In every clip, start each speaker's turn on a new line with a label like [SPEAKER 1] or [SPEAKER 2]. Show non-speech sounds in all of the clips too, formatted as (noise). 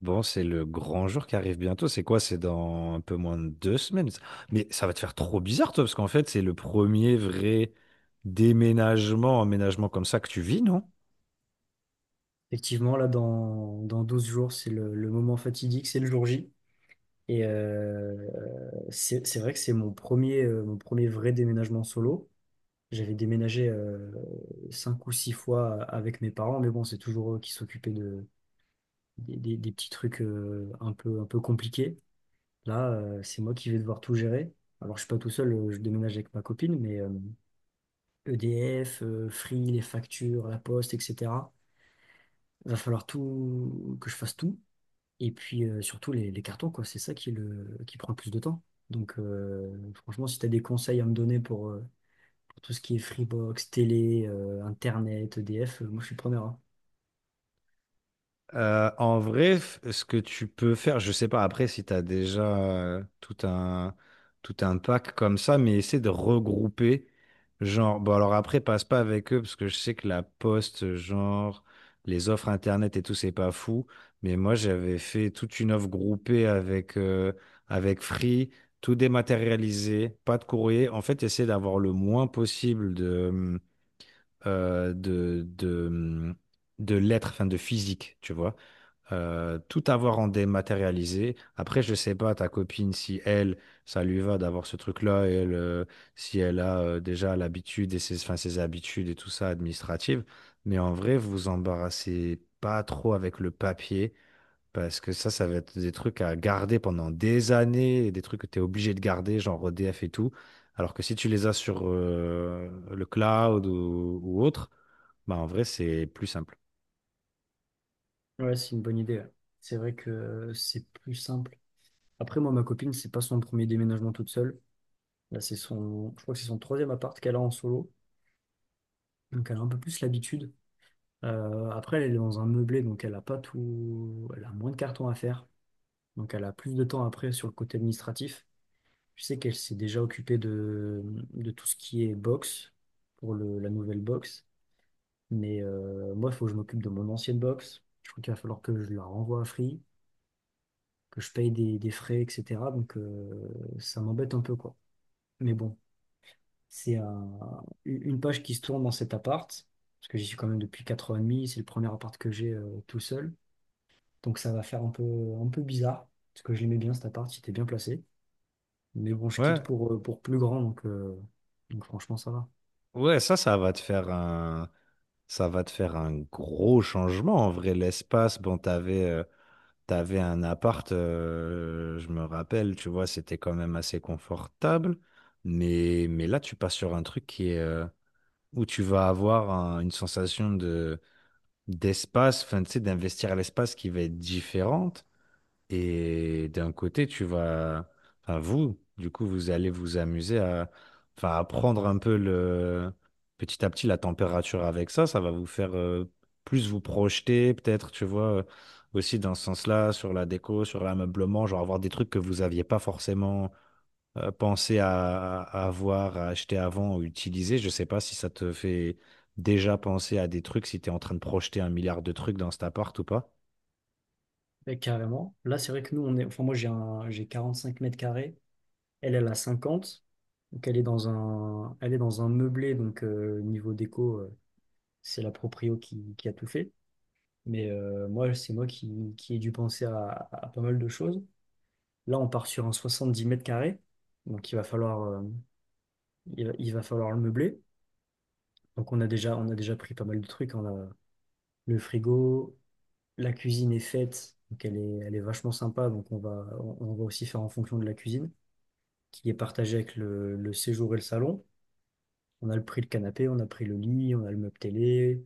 [SPEAKER 1] Bon, c'est le grand jour qui arrive bientôt. C'est quoi? C'est dans un peu moins de 2 semaines. Ça. Mais ça va te faire trop bizarre, toi, parce qu'en fait, c'est le premier vrai déménagement, emménagement comme ça que tu vis, non?
[SPEAKER 2] Effectivement, là, dans 12 jours, c'est le moment fatidique, c'est le jour J. Et c'est vrai que c'est mon premier vrai déménagement solo. J'avais déménagé cinq ou six fois avec mes parents, mais bon, c'est toujours eux qui s'occupaient des petits trucs un peu compliqués. Là, c'est moi qui vais devoir tout gérer. Alors, je suis pas tout seul, je déménage avec ma copine, mais EDF, Free, les factures, la poste, etc. Va falloir tout, que je fasse tout. Et puis surtout les cartons, quoi, c'est ça qui prend le plus de temps. Donc franchement, si tu as des conseils à me donner pour tout ce qui est Freebox, télé, Internet, EDF, moi je suis preneur, hein.
[SPEAKER 1] En vrai, ce que tu peux faire, je sais pas après si tu as déjà tout un pack comme ça, mais essaie de regrouper. Genre, bon, alors après, passe pas avec eux parce que je sais que la poste, genre, les offres internet et tout, c'est pas fou. Mais moi, j'avais fait toute une offre groupée avec, avec Free, tout dématérialisé, pas de courrier. En fait, essaie d'avoir le moins possible euh, de, de, de lettres, enfin de physique, tu vois tout avoir en dématérialisé. Après, je sais pas, ta copine, si elle, ça lui va d'avoir ce truc-là, et elle, si elle a déjà l'habitude et ses, enfin, ses habitudes et tout ça administratives. Mais en vrai, vous vous embarrassez pas trop avec le papier, parce que ça va être des trucs à garder pendant des années, et des trucs que tu es obligé de garder, genre EDF et tout. Alors que si tu les as sur le cloud ou autre, bah en vrai, c'est plus simple.
[SPEAKER 2] Ouais, c'est une bonne idée, ouais. C'est vrai que c'est plus simple. Après, moi, ma copine, c'est pas son premier déménagement toute seule. Là, je crois que c'est son troisième appart qu'elle a en solo. Donc elle a un peu plus l'habitude. Après, elle est dans un meublé, donc elle a pas tout. Elle a moins de cartons à faire. Donc elle a plus de temps après sur le côté administratif. Je sais qu'elle s'est déjà occupée de tout ce qui est box, pour la nouvelle box. Mais moi, il faut que je m'occupe de mon ancienne box. Je crois qu'il va falloir que je la renvoie à Free, que je paye des frais, etc. Donc ça m'embête un peu, quoi. Mais bon, c'est une page qui se tourne dans cet appart, parce que j'y suis quand même depuis 4 ans et demi. C'est le premier appart que j'ai tout seul. Donc ça va faire un peu bizarre, parce que je l'aimais bien cet appart, il était bien placé. Mais bon, je quitte
[SPEAKER 1] Ouais,
[SPEAKER 2] pour plus grand, donc franchement, ça va.
[SPEAKER 1] ouais, ça va te faire un, ça va te faire un gros changement. En vrai, l'espace, bon, t'avais, t'avais un appart, je me rappelle, tu vois, c'était quand même assez confortable. Mais là, tu passes sur un truc qui est, où tu vas avoir une sensation de, d'espace, enfin, tu sais, d'investir à l'espace qui va être différente. Et d'un côté, tu vas, enfin vous, du coup, vous allez vous amuser à, enfin, à prendre un peu le, petit à petit la température avec ça. Ça va vous faire plus vous projeter, peut-être, tu vois, aussi dans ce sens-là, sur la déco, sur l'ameublement, genre avoir des trucs que vous n'aviez pas forcément pensé à avoir, à acheter avant ou utiliser. Je sais pas si ça te fait déjà penser à des trucs, si tu es en train de projeter un milliard de trucs dans cet appart ou pas.
[SPEAKER 2] Mais carrément. Là, c'est vrai que nous, on est. Enfin, moi, j'ai 45 mètres carrés. Elle, elle a 50. Donc, elle est dans un meublé. Donc, niveau déco, c'est la proprio qui a tout fait. Mais moi, c'est moi qui ai dû penser à pas mal de choses. Là, on part sur un 70 mètres carrés. Donc, il va falloir le meubler. Donc, on a déjà pris pas mal de trucs. On a le frigo, la cuisine est faite. Donc, elle est vachement sympa. Donc, on va aussi faire en fonction de la cuisine, qui est partagé avec le séjour et le salon. On a le prix le canapé, on a pris le lit, on a le meuble télé,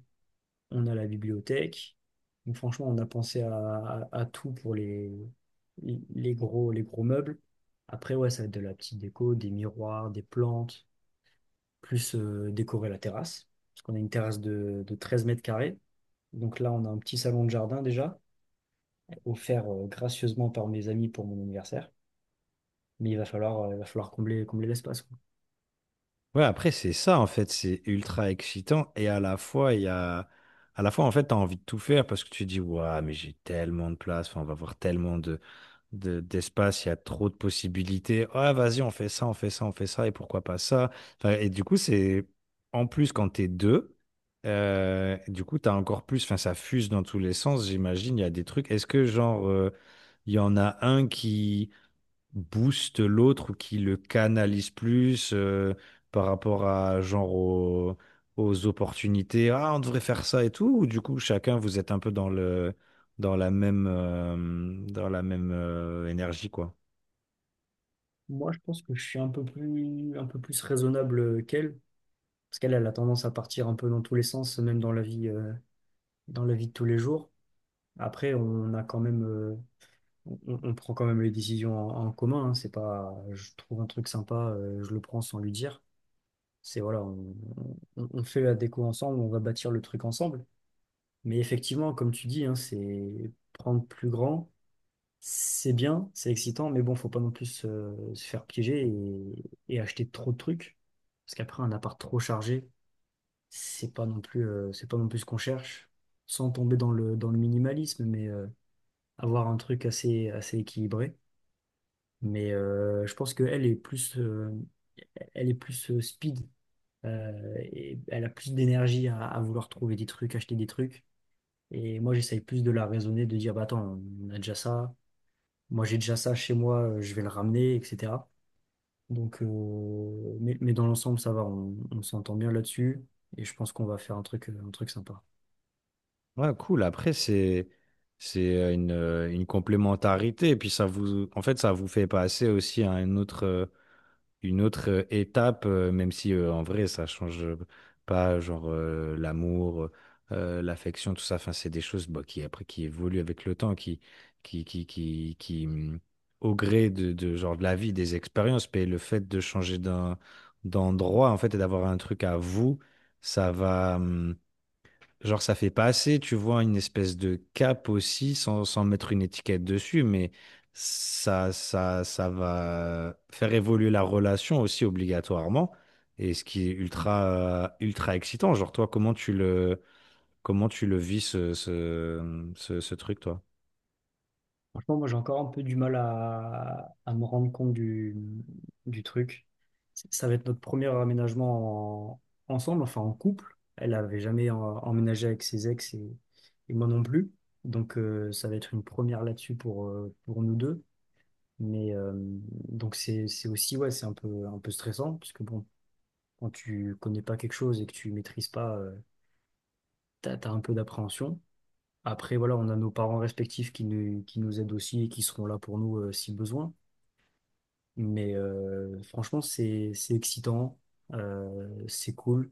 [SPEAKER 2] on a la bibliothèque. Donc franchement, on a pensé à tout pour les gros meubles. Après, ouais, ça va être de la petite déco, des miroirs, des plantes, plus décorer la terrasse. Parce qu'on a une terrasse de 13 mètres carrés. Donc là, on a un petit salon de jardin déjà, offert gracieusement par mes amis pour mon anniversaire. Mais il va falloir combler l'espace, quoi.
[SPEAKER 1] Ouais, après, c'est ça, en fait, c'est ultra excitant et à la fois, il y a... À la fois, en fait, t'as envie de tout faire parce que tu dis, waouh, mais j'ai tellement de place, enfin, on va voir tellement de, d'espace, il y a trop de possibilités. Ah, vas-y, on fait ça, on fait ça, on fait ça, et pourquoi pas ça? Enfin, et du coup, c'est, en plus, quand t'es deux, du coup, t'as encore plus, enfin, ça fuse dans tous les sens, j'imagine, il y a des trucs. Est-ce que, genre, il y en a un qui booste l'autre ou qui le canalise plus par rapport à genre aux opportunités. Ah, on devrait faire ça et tout. Ou du coup, chacun, vous êtes un peu dans le dans la même euh, dans la même énergie quoi.
[SPEAKER 2] Moi, je pense que je suis un peu plus raisonnable qu'elle, parce qu'elle, elle a tendance à partir un peu dans tous les sens, même dans la vie de tous les jours. Après, on prend quand même les décisions en commun, hein. C'est pas, je trouve un truc sympa, je le prends sans lui dire. C'est voilà, on fait la déco ensemble, on va bâtir le truc ensemble. Mais effectivement, comme tu dis, hein, c'est prendre plus grand. C'est bien, c'est excitant, mais bon, faut pas non plus se faire piéger et acheter trop de trucs. Parce qu'après, un appart trop chargé, c'est pas non plus, c'est pas non plus ce qu'on cherche. Sans tomber dans le minimalisme, mais avoir un truc assez, assez équilibré. Mais je pense qu'elle est plus speed, et elle a plus d'énergie à vouloir trouver des trucs, acheter des trucs. Et moi, j'essaye plus de la raisonner, de dire, bah attends, on a déjà ça. Moi, j'ai déjà ça chez moi, je vais le ramener, etc. Donc, mais dans l'ensemble, ça va, on s'entend bien là-dessus et je pense qu'on va faire un truc sympa.
[SPEAKER 1] Ouais, cool. Après, c'est une complémentarité et puis ça vous en fait ça vous fait passer aussi à un autre une autre étape, même si en vrai ça change pas, genre l'amour, l'affection, tout ça. Enfin, c'est des choses bah, qui après qui évoluent avec le temps, qui au gré de genre de la vie, des expériences, mais le fait de changer d'endroit en fait et d'avoir un truc à vous, ça va. Genre, ça fait pas assez, tu vois, une espèce de cap aussi, sans, sans mettre une étiquette dessus, mais ça va faire évoluer la relation aussi obligatoirement. Et ce qui est ultra, ultra excitant. Genre, toi, comment tu le vis, ce truc, toi?
[SPEAKER 2] Franchement, moi, j'ai encore un peu du mal à me rendre compte du truc. Ça va être notre premier aménagement ensemble, enfin en couple. Elle n'avait jamais emménagé avec ses ex et moi non plus. Donc, ça va être une première là-dessus pour nous deux. Mais donc c'est aussi ouais c'est un peu stressant parce que bon quand tu connais pas quelque chose et que tu maîtrises pas, t'as un peu d'appréhension. Après, voilà, on a nos parents respectifs qui nous aident aussi et qui seront là pour nous, si besoin. Mais franchement, c'est excitant, c'est cool.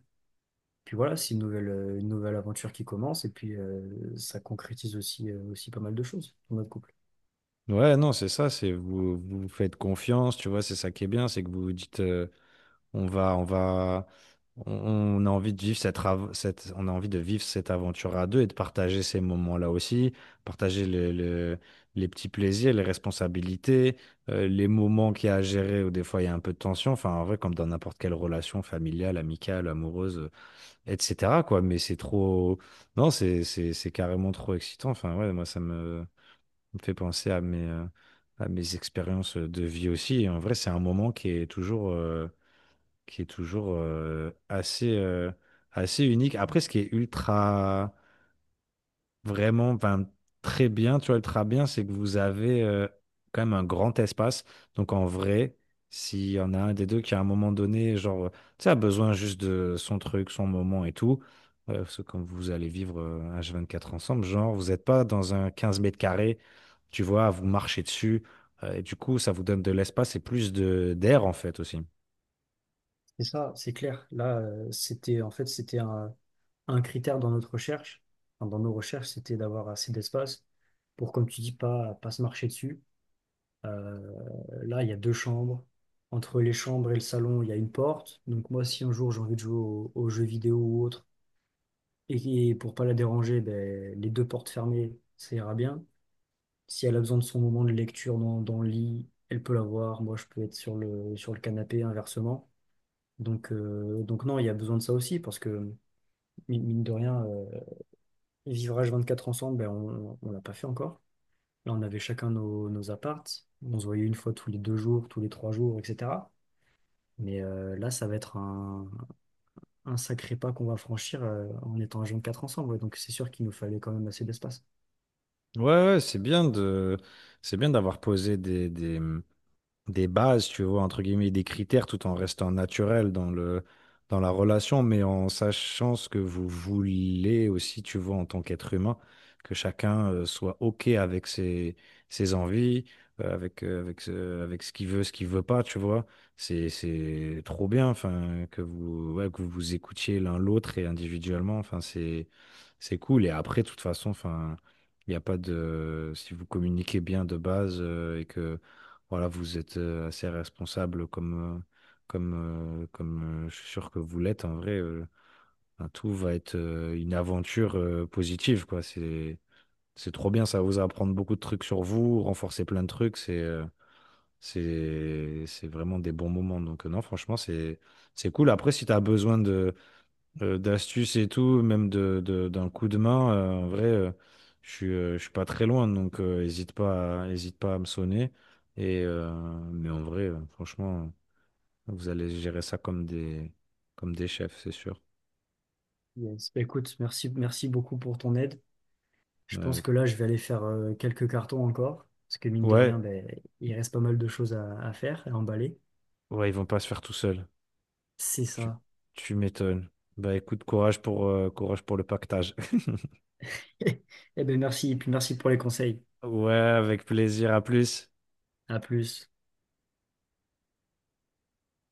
[SPEAKER 2] Puis voilà, c'est une nouvelle aventure qui commence et puis ça concrétise aussi pas mal de choses dans notre couple.
[SPEAKER 1] Ouais, non, c'est ça, c'est vous, vous faites confiance, tu vois, c'est ça qui est bien, c'est que vous vous dites. On va, on va, on a envie de vivre cette, on a envie de vivre cette aventure à deux et de partager ces moments-là aussi, partager les petits plaisirs, les responsabilités, les moments qu'il y a à gérer où des fois il y a un peu de tension. Enfin, en vrai, comme dans n'importe quelle relation familiale, amicale, amoureuse, etc. quoi. Mais c'est trop, non, c'est carrément trop excitant. Enfin, ouais, moi, ça me, me fait penser à mes expériences de vie aussi. Et en vrai, c'est un moment qui est toujours. Qui est toujours assez, assez unique. Après, ce qui est ultra, vraiment, enfin, très bien, tu vois, ultra bien, c'est que vous avez quand même un grand espace. Donc, en vrai, s'il y en a un des deux qui, à un moment donné, genre, tu sais, a besoin juste de son truc, son moment et tout, parce que quand vous allez vivre un H24 ensemble, genre, vous n'êtes pas dans un 15 mètres carrés, tu vois, à vous marcher dessus. Et du coup, ça vous donne de l'espace et plus de d'air, en fait, aussi.
[SPEAKER 2] Et ça, c'est clair. Là, c'était en fait, c'était un critère dans notre recherche, enfin, dans nos recherches, c'était d'avoir assez d'espace pour, comme tu dis, pas se marcher dessus. Euh, Là, il y a deux chambres. Entre les chambres et le salon, il y a une porte. Donc moi, si un jour j'ai envie de jouer aux jeux vidéo ou autre, et pour pas la déranger, ben, les deux portes fermées, ça ira bien. Si elle a besoin de son moment de lecture dans le lit, elle peut l'avoir. Moi, je peux être sur le canapé, inversement. Donc non, il y a besoin de ça aussi, parce que mine de rien, vivre H24 ensemble, ben, on l'a pas fait encore. Là, on avait chacun nos apparts. On se voyait une fois tous les 2 jours, tous les 3 jours, etc. Mais là, ça va être un sacré pas qu'on va franchir en étant à jeune 4 ensemble, ouais. Donc c'est sûr qu'il nous fallait quand même assez d'espace.
[SPEAKER 1] Ouais, ouais, c'est bien de, c'est bien d'avoir posé des bases, tu vois, entre guillemets, des critères tout en restant naturel dans le, dans la relation, mais en sachant ce que vous voulez aussi, tu vois, en tant qu'être humain, que chacun soit OK avec ses, ses envies, avec, avec ce qu'il veut pas, tu vois. C'est trop bien, enfin, que vous, ouais, que vous vous écoutiez l'un l'autre et individuellement, enfin, c'est cool. Et après, de toute façon, enfin, il n'y a pas de, si vous communiquez bien de base, et que voilà, vous êtes assez responsable comme je suis sûr que vous l'êtes. En vrai, enfin, tout va être une aventure positive, quoi. C'est trop bien, ça va vous apprendre beaucoup de trucs sur vous, renforcer plein de trucs. C'est vraiment des bons moments. Donc, non, franchement, c'est cool. Après, si tu as besoin de d'astuces et tout, même de, d'un coup de main, en vrai, je suis pas très loin, donc hésite pas à me sonner. Et, mais en vrai, franchement, vous allez gérer ça comme des chefs, c'est sûr.
[SPEAKER 2] Yes. Bah, écoute, merci, merci beaucoup pour ton aide. Je pense
[SPEAKER 1] Euh,
[SPEAKER 2] que là, je vais aller faire quelques cartons encore. Parce que mine de
[SPEAKER 1] ouais,
[SPEAKER 2] rien, ben, il reste pas mal de choses à faire, à emballer.
[SPEAKER 1] ouais, ils vont pas se faire tout seuls.
[SPEAKER 2] C'est
[SPEAKER 1] Tu,
[SPEAKER 2] ça.
[SPEAKER 1] tu m'étonnes. Bah écoute, courage pour le pactage. (laughs)
[SPEAKER 2] (laughs) Eh ben merci. Et puis merci pour les conseils.
[SPEAKER 1] Ouais, avec plaisir, à plus.
[SPEAKER 2] À plus.